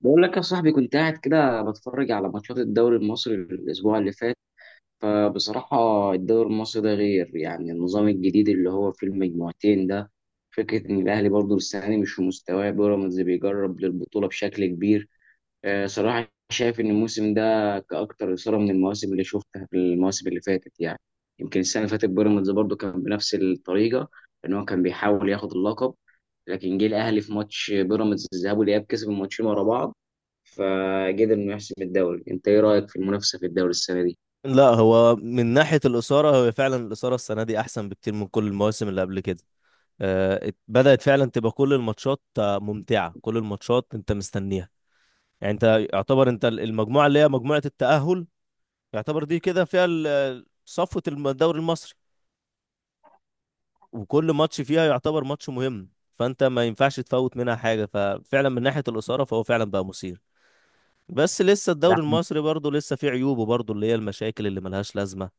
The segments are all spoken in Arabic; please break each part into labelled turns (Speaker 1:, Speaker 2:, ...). Speaker 1: بقول لك يا صاحبي كنت قاعد كده بتفرج على ماتشات الدوري المصري الأسبوع اللي فات. فبصراحة الدوري المصري ده غير، يعني النظام الجديد اللي هو في المجموعتين ده، فكرة إن الأهلي برضه السنة دي مش في مستواه، بيراميدز بيجرب للبطولة بشكل كبير. صراحة شايف إن الموسم ده كأكتر إثارة من المواسم اللي شفتها، في المواسم اللي فاتت يعني. يمكن السنة اللي فاتت بيراميدز برضه كان بنفس الطريقة، إن هو كان بيحاول ياخد اللقب، لكن جه الأهلي في ماتش بيراميدز الذهاب والإياب، كسب الماتشين ورا بعض فقدر إنه يحسم الدوري. أنت إيه رأيك في المنافسة في الدوري السنة دي؟
Speaker 2: لا، هو من ناحية الإثارة هو فعلا الإثارة السنة دي أحسن بكتير من كل المواسم اللي قبل كده. بدأت فعلا تبقى كل الماتشات ممتعة. كل الماتشات أنت مستنيها. يعني أنت يعتبر أنت المجموعة اللي هي مجموعة التأهل، يعتبر دي كده فيها صفوة الدوري المصري، وكل ماتش فيها يعتبر ماتش مهم، فأنت ما ينفعش تفوت منها حاجة. ففعلا من ناحية الإثارة فهو فعلا بقى مثير. بس لسه
Speaker 1: ده
Speaker 2: الدوري المصري برضه لسه فيه عيوبه برضه، اللي هي المشاكل اللي ملهاش لازمة،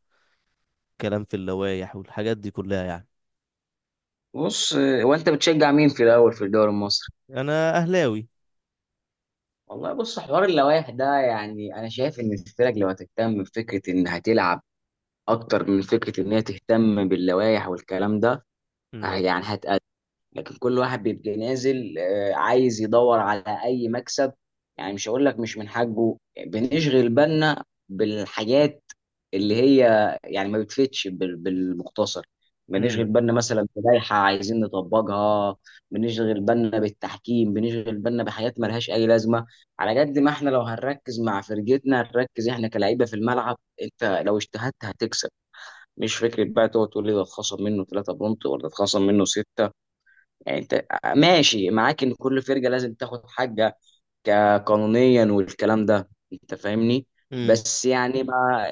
Speaker 2: كلام في اللوائح والحاجات دي كلها يعني.
Speaker 1: بص، وأنت بتشجع مين في الأول في الدوري المصري؟
Speaker 2: انا اهلاوي.
Speaker 1: والله بص، حوار اللوائح ده يعني أنا شايف إن الفرق لو هتهتم بفكرة إن هتلعب اكتر من فكره ان هي تهتم باللوائح والكلام ده،
Speaker 2: امم
Speaker 1: يعني هتقدم. لكن كل واحد بيبقى نازل عايز يدور على اي مكسب، يعني مش هقول لك مش من حقه. بنشغل بالنا بالحاجات اللي هي يعني ما بتفيدش بالمختصر. بنشغل
Speaker 2: امم
Speaker 1: بالنا مثلا بلائحه عايزين نطبقها، بنشغل بالنا بالتحكيم، بنشغل بالنا بحاجات ملهاش اي لازمه. على قد ما احنا لو هنركز مع فرقتنا، هنركز احنا كلاعيبه في الملعب. انت لو اجتهدت هتكسب، مش فكرة بقى تقعد تقول لي ده اتخصم منه ثلاثة بونت ولا اتخصم منه ستة. يعني انت ماشي معاك ان كل فرقة لازم تاخد حاجة قانونيا والكلام ده، انت فاهمني؟
Speaker 2: امم
Speaker 1: بس يعني ما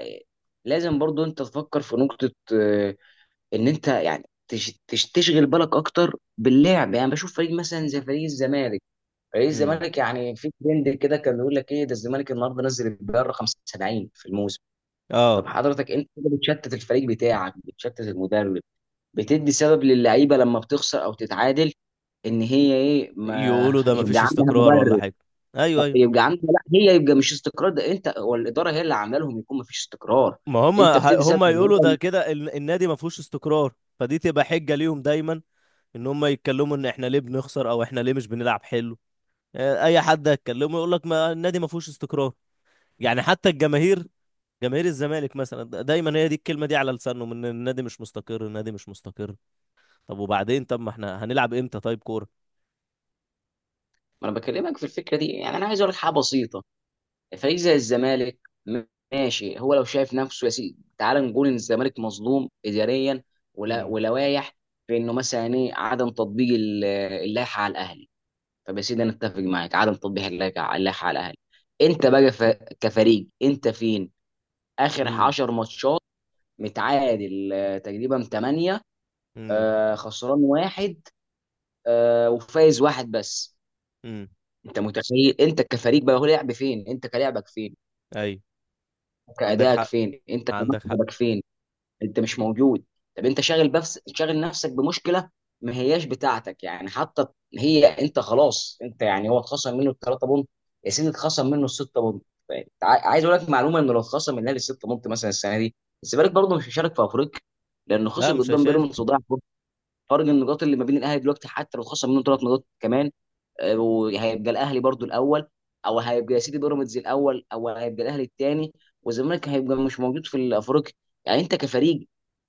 Speaker 1: لازم برضو انت تفكر في نقطة ان انت يعني تشغل بالك اكتر باللعب. يعني بشوف فريق مثلا زي فريق الزمالك. فريق
Speaker 2: امم
Speaker 1: الزمالك يعني في ترند كده كان بيقول لك، ايه ده الزمالك النهارده نزل البيار رقم 75 في الموسم.
Speaker 2: اه،
Speaker 1: طب حضرتك انت كده بتشتت الفريق بتاعك، بتشتت المدرب، بتدي سبب للعيبه لما بتخسر او تتعادل ان هي ايه ما
Speaker 2: يقولوا ده
Speaker 1: يبقى
Speaker 2: مفيش
Speaker 1: عندها
Speaker 2: استقرار ولا
Speaker 1: مبرر.
Speaker 2: حاجه. ايوه،
Speaker 1: طب
Speaker 2: ايوه.
Speaker 1: يبقى عندها، لا، هي يبقى مش استقرار، ده انت والاداره هي اللي عامله لهم يكون ما فيش استقرار.
Speaker 2: ما هم،
Speaker 1: انت بتدي سبب
Speaker 2: هم يقولوا ده
Speaker 1: للعيبة.
Speaker 2: كده النادي ما فيهوش استقرار، فدي تبقى حجه ليهم دايما، ان هم يتكلموا ان احنا ليه بنخسر او احنا ليه مش بنلعب حلو. اي حد هيتكلمه يقول لك ما النادي ما فيهوش استقرار. يعني حتى الجماهير، جماهير الزمالك مثلا دايما هي دي الكلمه دي على لسانهم، ان النادي مش مستقر، النادي مش مستقر. طب وبعدين، طب ما احنا هنلعب امتى طيب كوره؟
Speaker 1: ما انا بكلمك في الفكره دي، يعني انا عايز اقول لك حاجه بسيطه. فريق زي الزمالك ماشي، هو لو شايف نفسه يا سيدي، تعال نقول ان الزمالك مظلوم اداريا ولا
Speaker 2: امم
Speaker 1: ولوايح في انه مثلا ايه، عدم تطبيق اللائحه على الاهلي. طب يا سيدي انا اتفق معاك عدم تطبيق اللائحه على الاهلي. انت بقى ف... كفريق انت فين؟ اخر 10 ماتشات متعادل تقريبا 8،
Speaker 2: امم
Speaker 1: خسران واحد، وفايز واحد بس.
Speaker 2: امم
Speaker 1: انت متخيل انت كفريق بقى هو لعب فين، انت كلاعبك فين،
Speaker 2: ايوه. عندك
Speaker 1: كادائك
Speaker 2: حق،
Speaker 1: فين، انت
Speaker 2: عندك حق.
Speaker 1: كمكسبك فين؟ انت مش موجود. طب انت شاغل، بس شاغل نفسك بمشكله ما هياش بتاعتك يعني. حتى هي انت خلاص، انت يعني هو اتخصم منه الثلاثه بونت، يا سيدي اتخصم منه السته بونت. ف- عايز اقول لك معلومه، انه لو اتخصم من الاهلي السته بونت مثلا السنه دي، الزمالك برضه مش هيشارك في افريقيا لانه
Speaker 2: لا
Speaker 1: خسر
Speaker 2: مش
Speaker 1: قدام
Speaker 2: هيشارك.
Speaker 1: بيراميدز وضيع فرصة. فرق النقاط اللي ما بين الاهلي دلوقتي، حتى لو خسر منه ثلاث نقاط كمان، وهيبقى الاهلي برضه الاول، او هيبقى يا سيدي بيراميدز الاول، او هيبقى الاهلي الثاني، والزمالك هيبقى مش موجود في الافريقيا. يعني انت كفريق،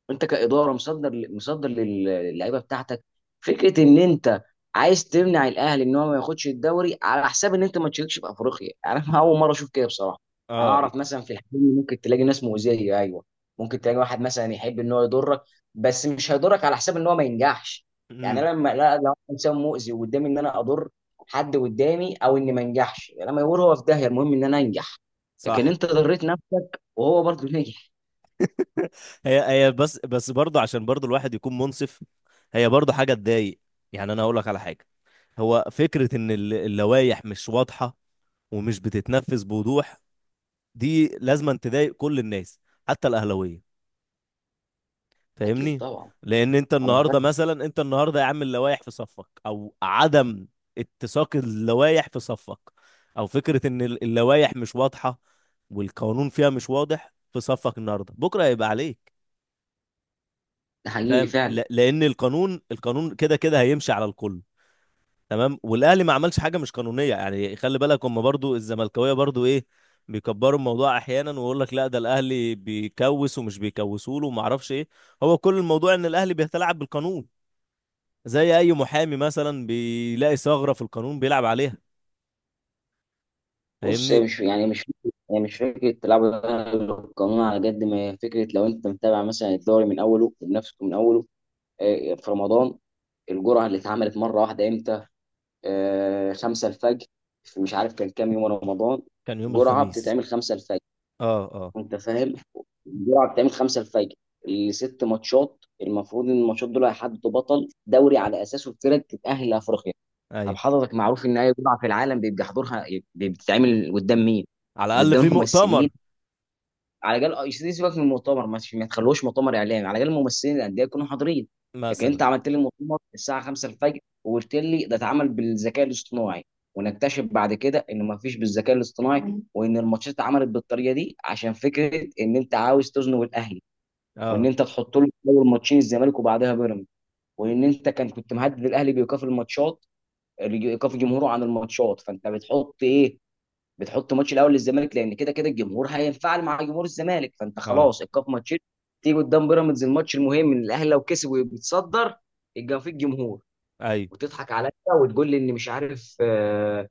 Speaker 1: انت كاداره مصدر للعيبه بتاعتك. فكره ان انت عايز تمنع الاهلي ان هو ما ياخدش الدوري على حساب ان انت ما تشاركش في افريقيا انا يعني اول مره اشوف كده بصراحه. انا
Speaker 2: اه،
Speaker 1: اعرف مثلا في الحلم ممكن تلاقي ناس مؤذيه، ايوه، ممكن تلاقي واحد مثلا يحب ان هو يضرك، بس مش هيضرك على حساب ان هو ما ينجحش. يعني
Speaker 2: امم
Speaker 1: انا لما لا لو أنا انسان مؤذي وقدامي ان انا اضر حد قدامي او اني ما انجحش، لما يقول هو في داهيه المهم ان انا انجح، لكن
Speaker 2: صح.
Speaker 1: انت ضريت نفسك وهو برضه نجح.
Speaker 2: هي هي، بس برضه عشان برضه الواحد يكون منصف، هي برضه حاجه تضايق. يعني انا هقول لك على حاجه، هو فكره ان اللوائح مش واضحه ومش بتتنفذ بوضوح، دي لازما تضايق كل الناس، حتى الاهلاويه،
Speaker 1: اكيد
Speaker 2: فاهمني؟
Speaker 1: طبعا
Speaker 2: لان انت
Speaker 1: انا
Speaker 2: النهارده مثلا، انت النهارده يا عم اللوائح في صفك، او عدم اتساق اللوائح في صفك، او فكره ان اللوائح مش واضحه والقانون فيها مش واضح في صفك النهارده، بكره هيبقى عليك،
Speaker 1: ده حقيقي
Speaker 2: فاهم؟
Speaker 1: فعلا.
Speaker 2: لان القانون كده كده هيمشي على الكل، تمام، والاهلي ما عملش حاجه مش قانونيه. يعني خلي بالك هم برضو، الزملكاويه برضو ايه، بيكبروا الموضوع احيانا ويقول لك لا ده الاهلي بيكوس ومش بيكوسوا له وما اعرفش ايه. هو كل الموضوع ان الاهلي بيتلاعب بالقانون، زي اي محامي مثلا بيلاقي ثغرة في القانون بيلعب عليها،
Speaker 1: بص هي
Speaker 2: فاهمني؟
Speaker 1: مش فكره تلعبوا القانون. على قد ما هي فكره، لو انت متابع مثلا الدوري من اوله وبنفسك من اوله، في رمضان، الجرعه اللي اتعملت مره واحده امتى؟ آه، خمسة الفجر. في مش عارف كان كام يوم رمضان.
Speaker 2: كان يوم
Speaker 1: جرعه
Speaker 2: الخميس.
Speaker 1: بتتعمل خمسة الفجر.
Speaker 2: اه، اه.
Speaker 1: انت فاهم؟ الجرعه بتتعمل خمسة الفجر. الست ماتشات المفروض ان الماتشات دول هيحددوا بطل دوري على اساسه الفرق تتاهل لافريقيا. طب
Speaker 2: ايوه.
Speaker 1: حضرتك، معروف ان اي بضعه في العالم بيبقى حضورها بتتعمل قدام مين؟
Speaker 2: على الاقل
Speaker 1: قدام
Speaker 2: في
Speaker 1: الممثلين،
Speaker 2: مؤتمر.
Speaker 1: على الاقل. سيبك من المؤتمر، مش ما تخلوهوش مؤتمر اعلامي، على الاقل الممثلين الانديه يكونوا حاضرين. لكن
Speaker 2: مثلا.
Speaker 1: انت عملت لي المؤتمر الساعه 5:00 الفجر، وقلت لي ده اتعمل بالذكاء الاصطناعي. ونكتشف بعد كده ان ما فيش بالذكاء الاصطناعي، وان الماتشات اتعملت بالطريقه دي عشان فكره ان انت عاوز تزنق الاهلي، وان
Speaker 2: اه،
Speaker 1: انت تحط له اول ماتشين الزمالك وبعدها بيراميدز، وان انت كنت مهدد الاهلي بايقاف الماتشات، ايقاف الجمهور عن الماتشات. فانت بتحط ايه؟ بتحط ماتش الاول للزمالك، لان كده كده الجمهور هينفعل مع جمهور الزمالك، فانت
Speaker 2: اه.
Speaker 1: خلاص ايقاف ماتشين. تيجي قدام بيراميدز الماتش المهم ان الاهلي لو كسب وبيتصدر يبقى في الجمهور،
Speaker 2: ايوه.
Speaker 1: وتضحك عليا وتقول لي ان مش عارف،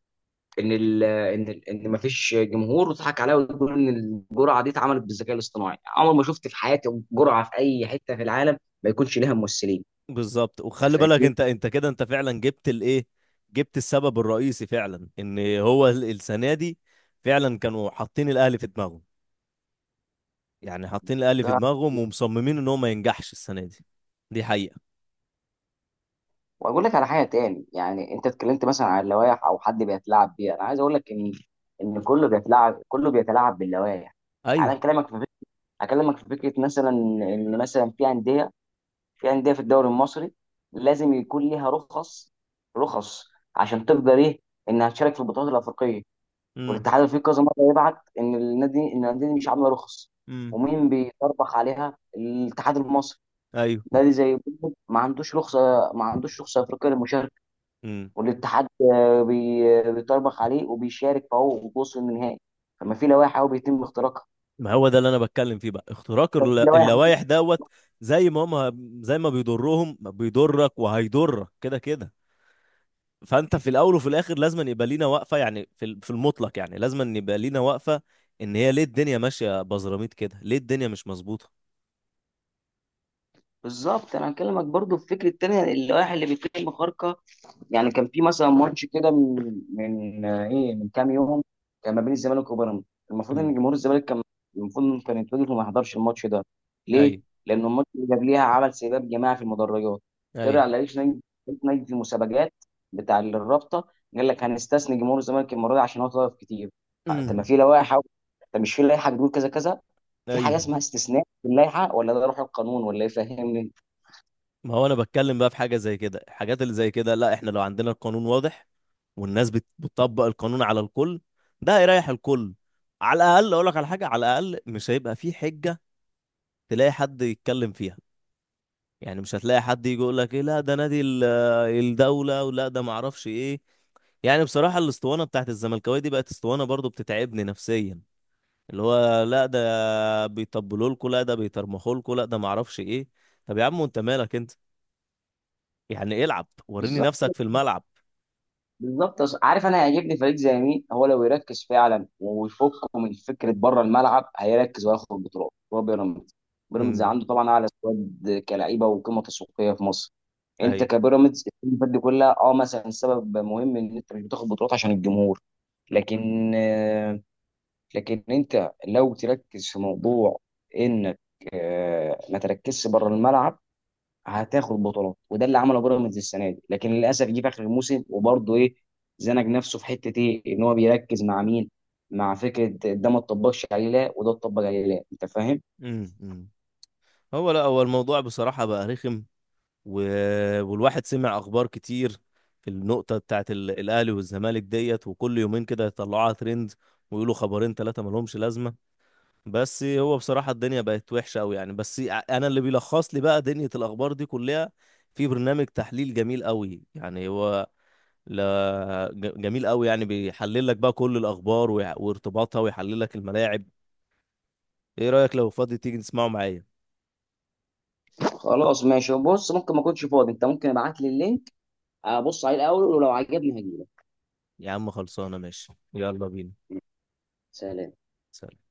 Speaker 1: ان ال ان ال ان مفيش جمهور، وتضحك عليا وتقول ان الجرعه دي اتعملت بالذكاء الاصطناعي. عمر ما شفت في حياتي جرعه في اي حته في العالم ما يكونش ليها ممثلين.
Speaker 2: بالظبط،
Speaker 1: انت
Speaker 2: وخلي بالك
Speaker 1: فاهمني؟
Speaker 2: انت، انت كده انت فعلا جبت الايه، جبت السبب الرئيسي فعلا، ان هو السنه دي فعلا كانوا حاطين الاهلي في دماغهم. يعني حاطين الاهلي في دماغهم ومصممين ان هو ما ينجحش السنه دي، دي حقيقه.
Speaker 1: واقول لك على حاجه تاني، يعني انت اتكلمت مثلا عن اللوائح او حد بيتلاعب بيها، انا عايز اقول لك ان كله بيتلاعب، كله بيتلاعب باللوائح. انا
Speaker 2: ايوه.
Speaker 1: اكلمك في فكره، اكلمك في فكره مثلا ان مثلا في انديه في الدوري المصري لازم يكون ليها رخص، رخص عشان تقدر ايه انها تشارك في البطولات الافريقيه.
Speaker 2: امم
Speaker 1: والاتحاد الافريقي كذا مره يبعت ان النادي ان الانديه دي مش عامله رخص.
Speaker 2: امم
Speaker 1: ومين بيطربخ عليها؟ الاتحاد المصري.
Speaker 2: ايوه.
Speaker 1: نادي زي بيراميدز ما عندوش رخصه، ما عندوش رخصه افريقيه للمشاركه.
Speaker 2: مم.
Speaker 1: والاتحاد بيطربخ عليه وبيشارك، فهو بوصل النهائي. فما في لوائح أهو بيتم اختراقها.
Speaker 2: ما هو ده اللي انا بتكلم فيه بقى، اختراق
Speaker 1: طب في لوائح.
Speaker 2: اللوائح دوت. زي ما هم، زي ما بيضرهم بيضرك وهيضرك كده كده، فانت في الاول وفي الاخر لازم يبقى لينا واقفه، يعني في في المطلق يعني لازم يبقى لينا واقفه، ان هي ليه الدنيا ماشيه بزراميط كده، ليه الدنيا مش مظبوطه؟
Speaker 1: بالظبط. انا هكلمك برضو في فكره تانية، اللوائح اللي بيتم خرقها. يعني كان في مثلا ماتش كده من من آه، ايه من كام يوم، كان ما بين الزمالك وبيراميدز. المفروض ان
Speaker 2: امم
Speaker 1: جمهور الزمالك كان، المفروض انه كان يتوجه وما يحضرش الماتش ده.
Speaker 2: ايوه.
Speaker 1: ليه؟ لان الماتش اللي قبليها عمل سباب جماعي في المدرجات.
Speaker 2: ايوه.
Speaker 1: طلع رئيس لجنه المسابقات بتاع الرابطه، قال لك هنستثني جمهور الزمالك المره دي عشان هو طلب كتير. طب ما
Speaker 2: امم
Speaker 1: في لوائح أهو. طب مش في لائحه بتقول كذا كذا. في حاجه
Speaker 2: ايوه.
Speaker 1: اسمها استثناء في اللائحه، ولا ده روح القانون، ولا ايه؟ فاهمني؟
Speaker 2: ما هو انا بتكلم بقى في حاجه زي كده. الحاجات اللي زي كده، لا احنا لو عندنا القانون واضح والناس بتطبق القانون على الكل، ده هيريح الكل. على الاقل اقول لك على حاجه، على الاقل مش هيبقى في حجه تلاقي حد يتكلم فيها، يعني مش هتلاقي حد يجي يقول لك ايه، لا ده نادي الدوله، ولا ده معرفش ايه. يعني بصراحه الاسطوانه بتاعت الزملكاويه دي بقت اسطوانه برضو بتتعبني نفسيا، اللي هو لا ده بيطبلوا لكم، لا ده بيترمخوا لكم، لا ده معرفش ايه. طب يا عم انت مالك انت؟ يعني العب وريني
Speaker 1: بالظبط
Speaker 2: نفسك في الملعب.
Speaker 1: بالظبط. عارف انا هيعجبني فريق زي مين هو لو يركز فعلا ويفكه من فكره بره الملعب، هيركز وهياخد بطولات؟ هو بيراميدز. بيراميدز
Speaker 2: امم
Speaker 1: عنده طبعا اعلى سكواد كلعيبه وقيمه تسويقيه في مصر. انت
Speaker 2: اي.
Speaker 1: كبيراميدز السنين دي كلها اه، مثلا سبب مهم ان انت مش بتاخد بطولات عشان الجمهور. لكن لكن انت لو تركز في موضوع انك ما تركزش بره الملعب، هتاخد بطولات. وده اللي عمله بيراميدز السنه دي، لكن للاسف جه في اخر الموسم وبرضه ايه، زنق نفسه في حته ايه، ان هو بيركز مع مين، مع فكره ده ما اتطبقش عليه، لا وده اتطبق عليه، لا. انت فاهم؟
Speaker 2: امم هو لا، هو الموضوع بصراحة بقى رخم، و... والواحد سمع أخبار كتير في النقطة بتاعت الأهلي والزمالك ديت، وكل يومين كده يطلعوها ترند ويقولوا خبرين ثلاثة ملهمش لازمة. بس هو بصراحة الدنيا بقت وحشة أوي يعني، بس أنا اللي بيلخص لي بقى دنيا الأخبار دي كلها في برنامج تحليل جميل أوي يعني. هو لا، جميل أوي يعني، بيحلل لك بقى كل الأخبار وارتباطها، ويحلل لك الملاعب. ايه رأيك لو فاضي تيجي نسمعه معايا؟
Speaker 1: خلاص ماشي. بص ممكن ما اكونش فاضي، انت ممكن ابعت لي اللينك ابص عليه الاول، ولو عجبني هجيلك.
Speaker 2: يا عم خلصانة، ماشي، يلا بينا.
Speaker 1: سلام.
Speaker 2: سلام.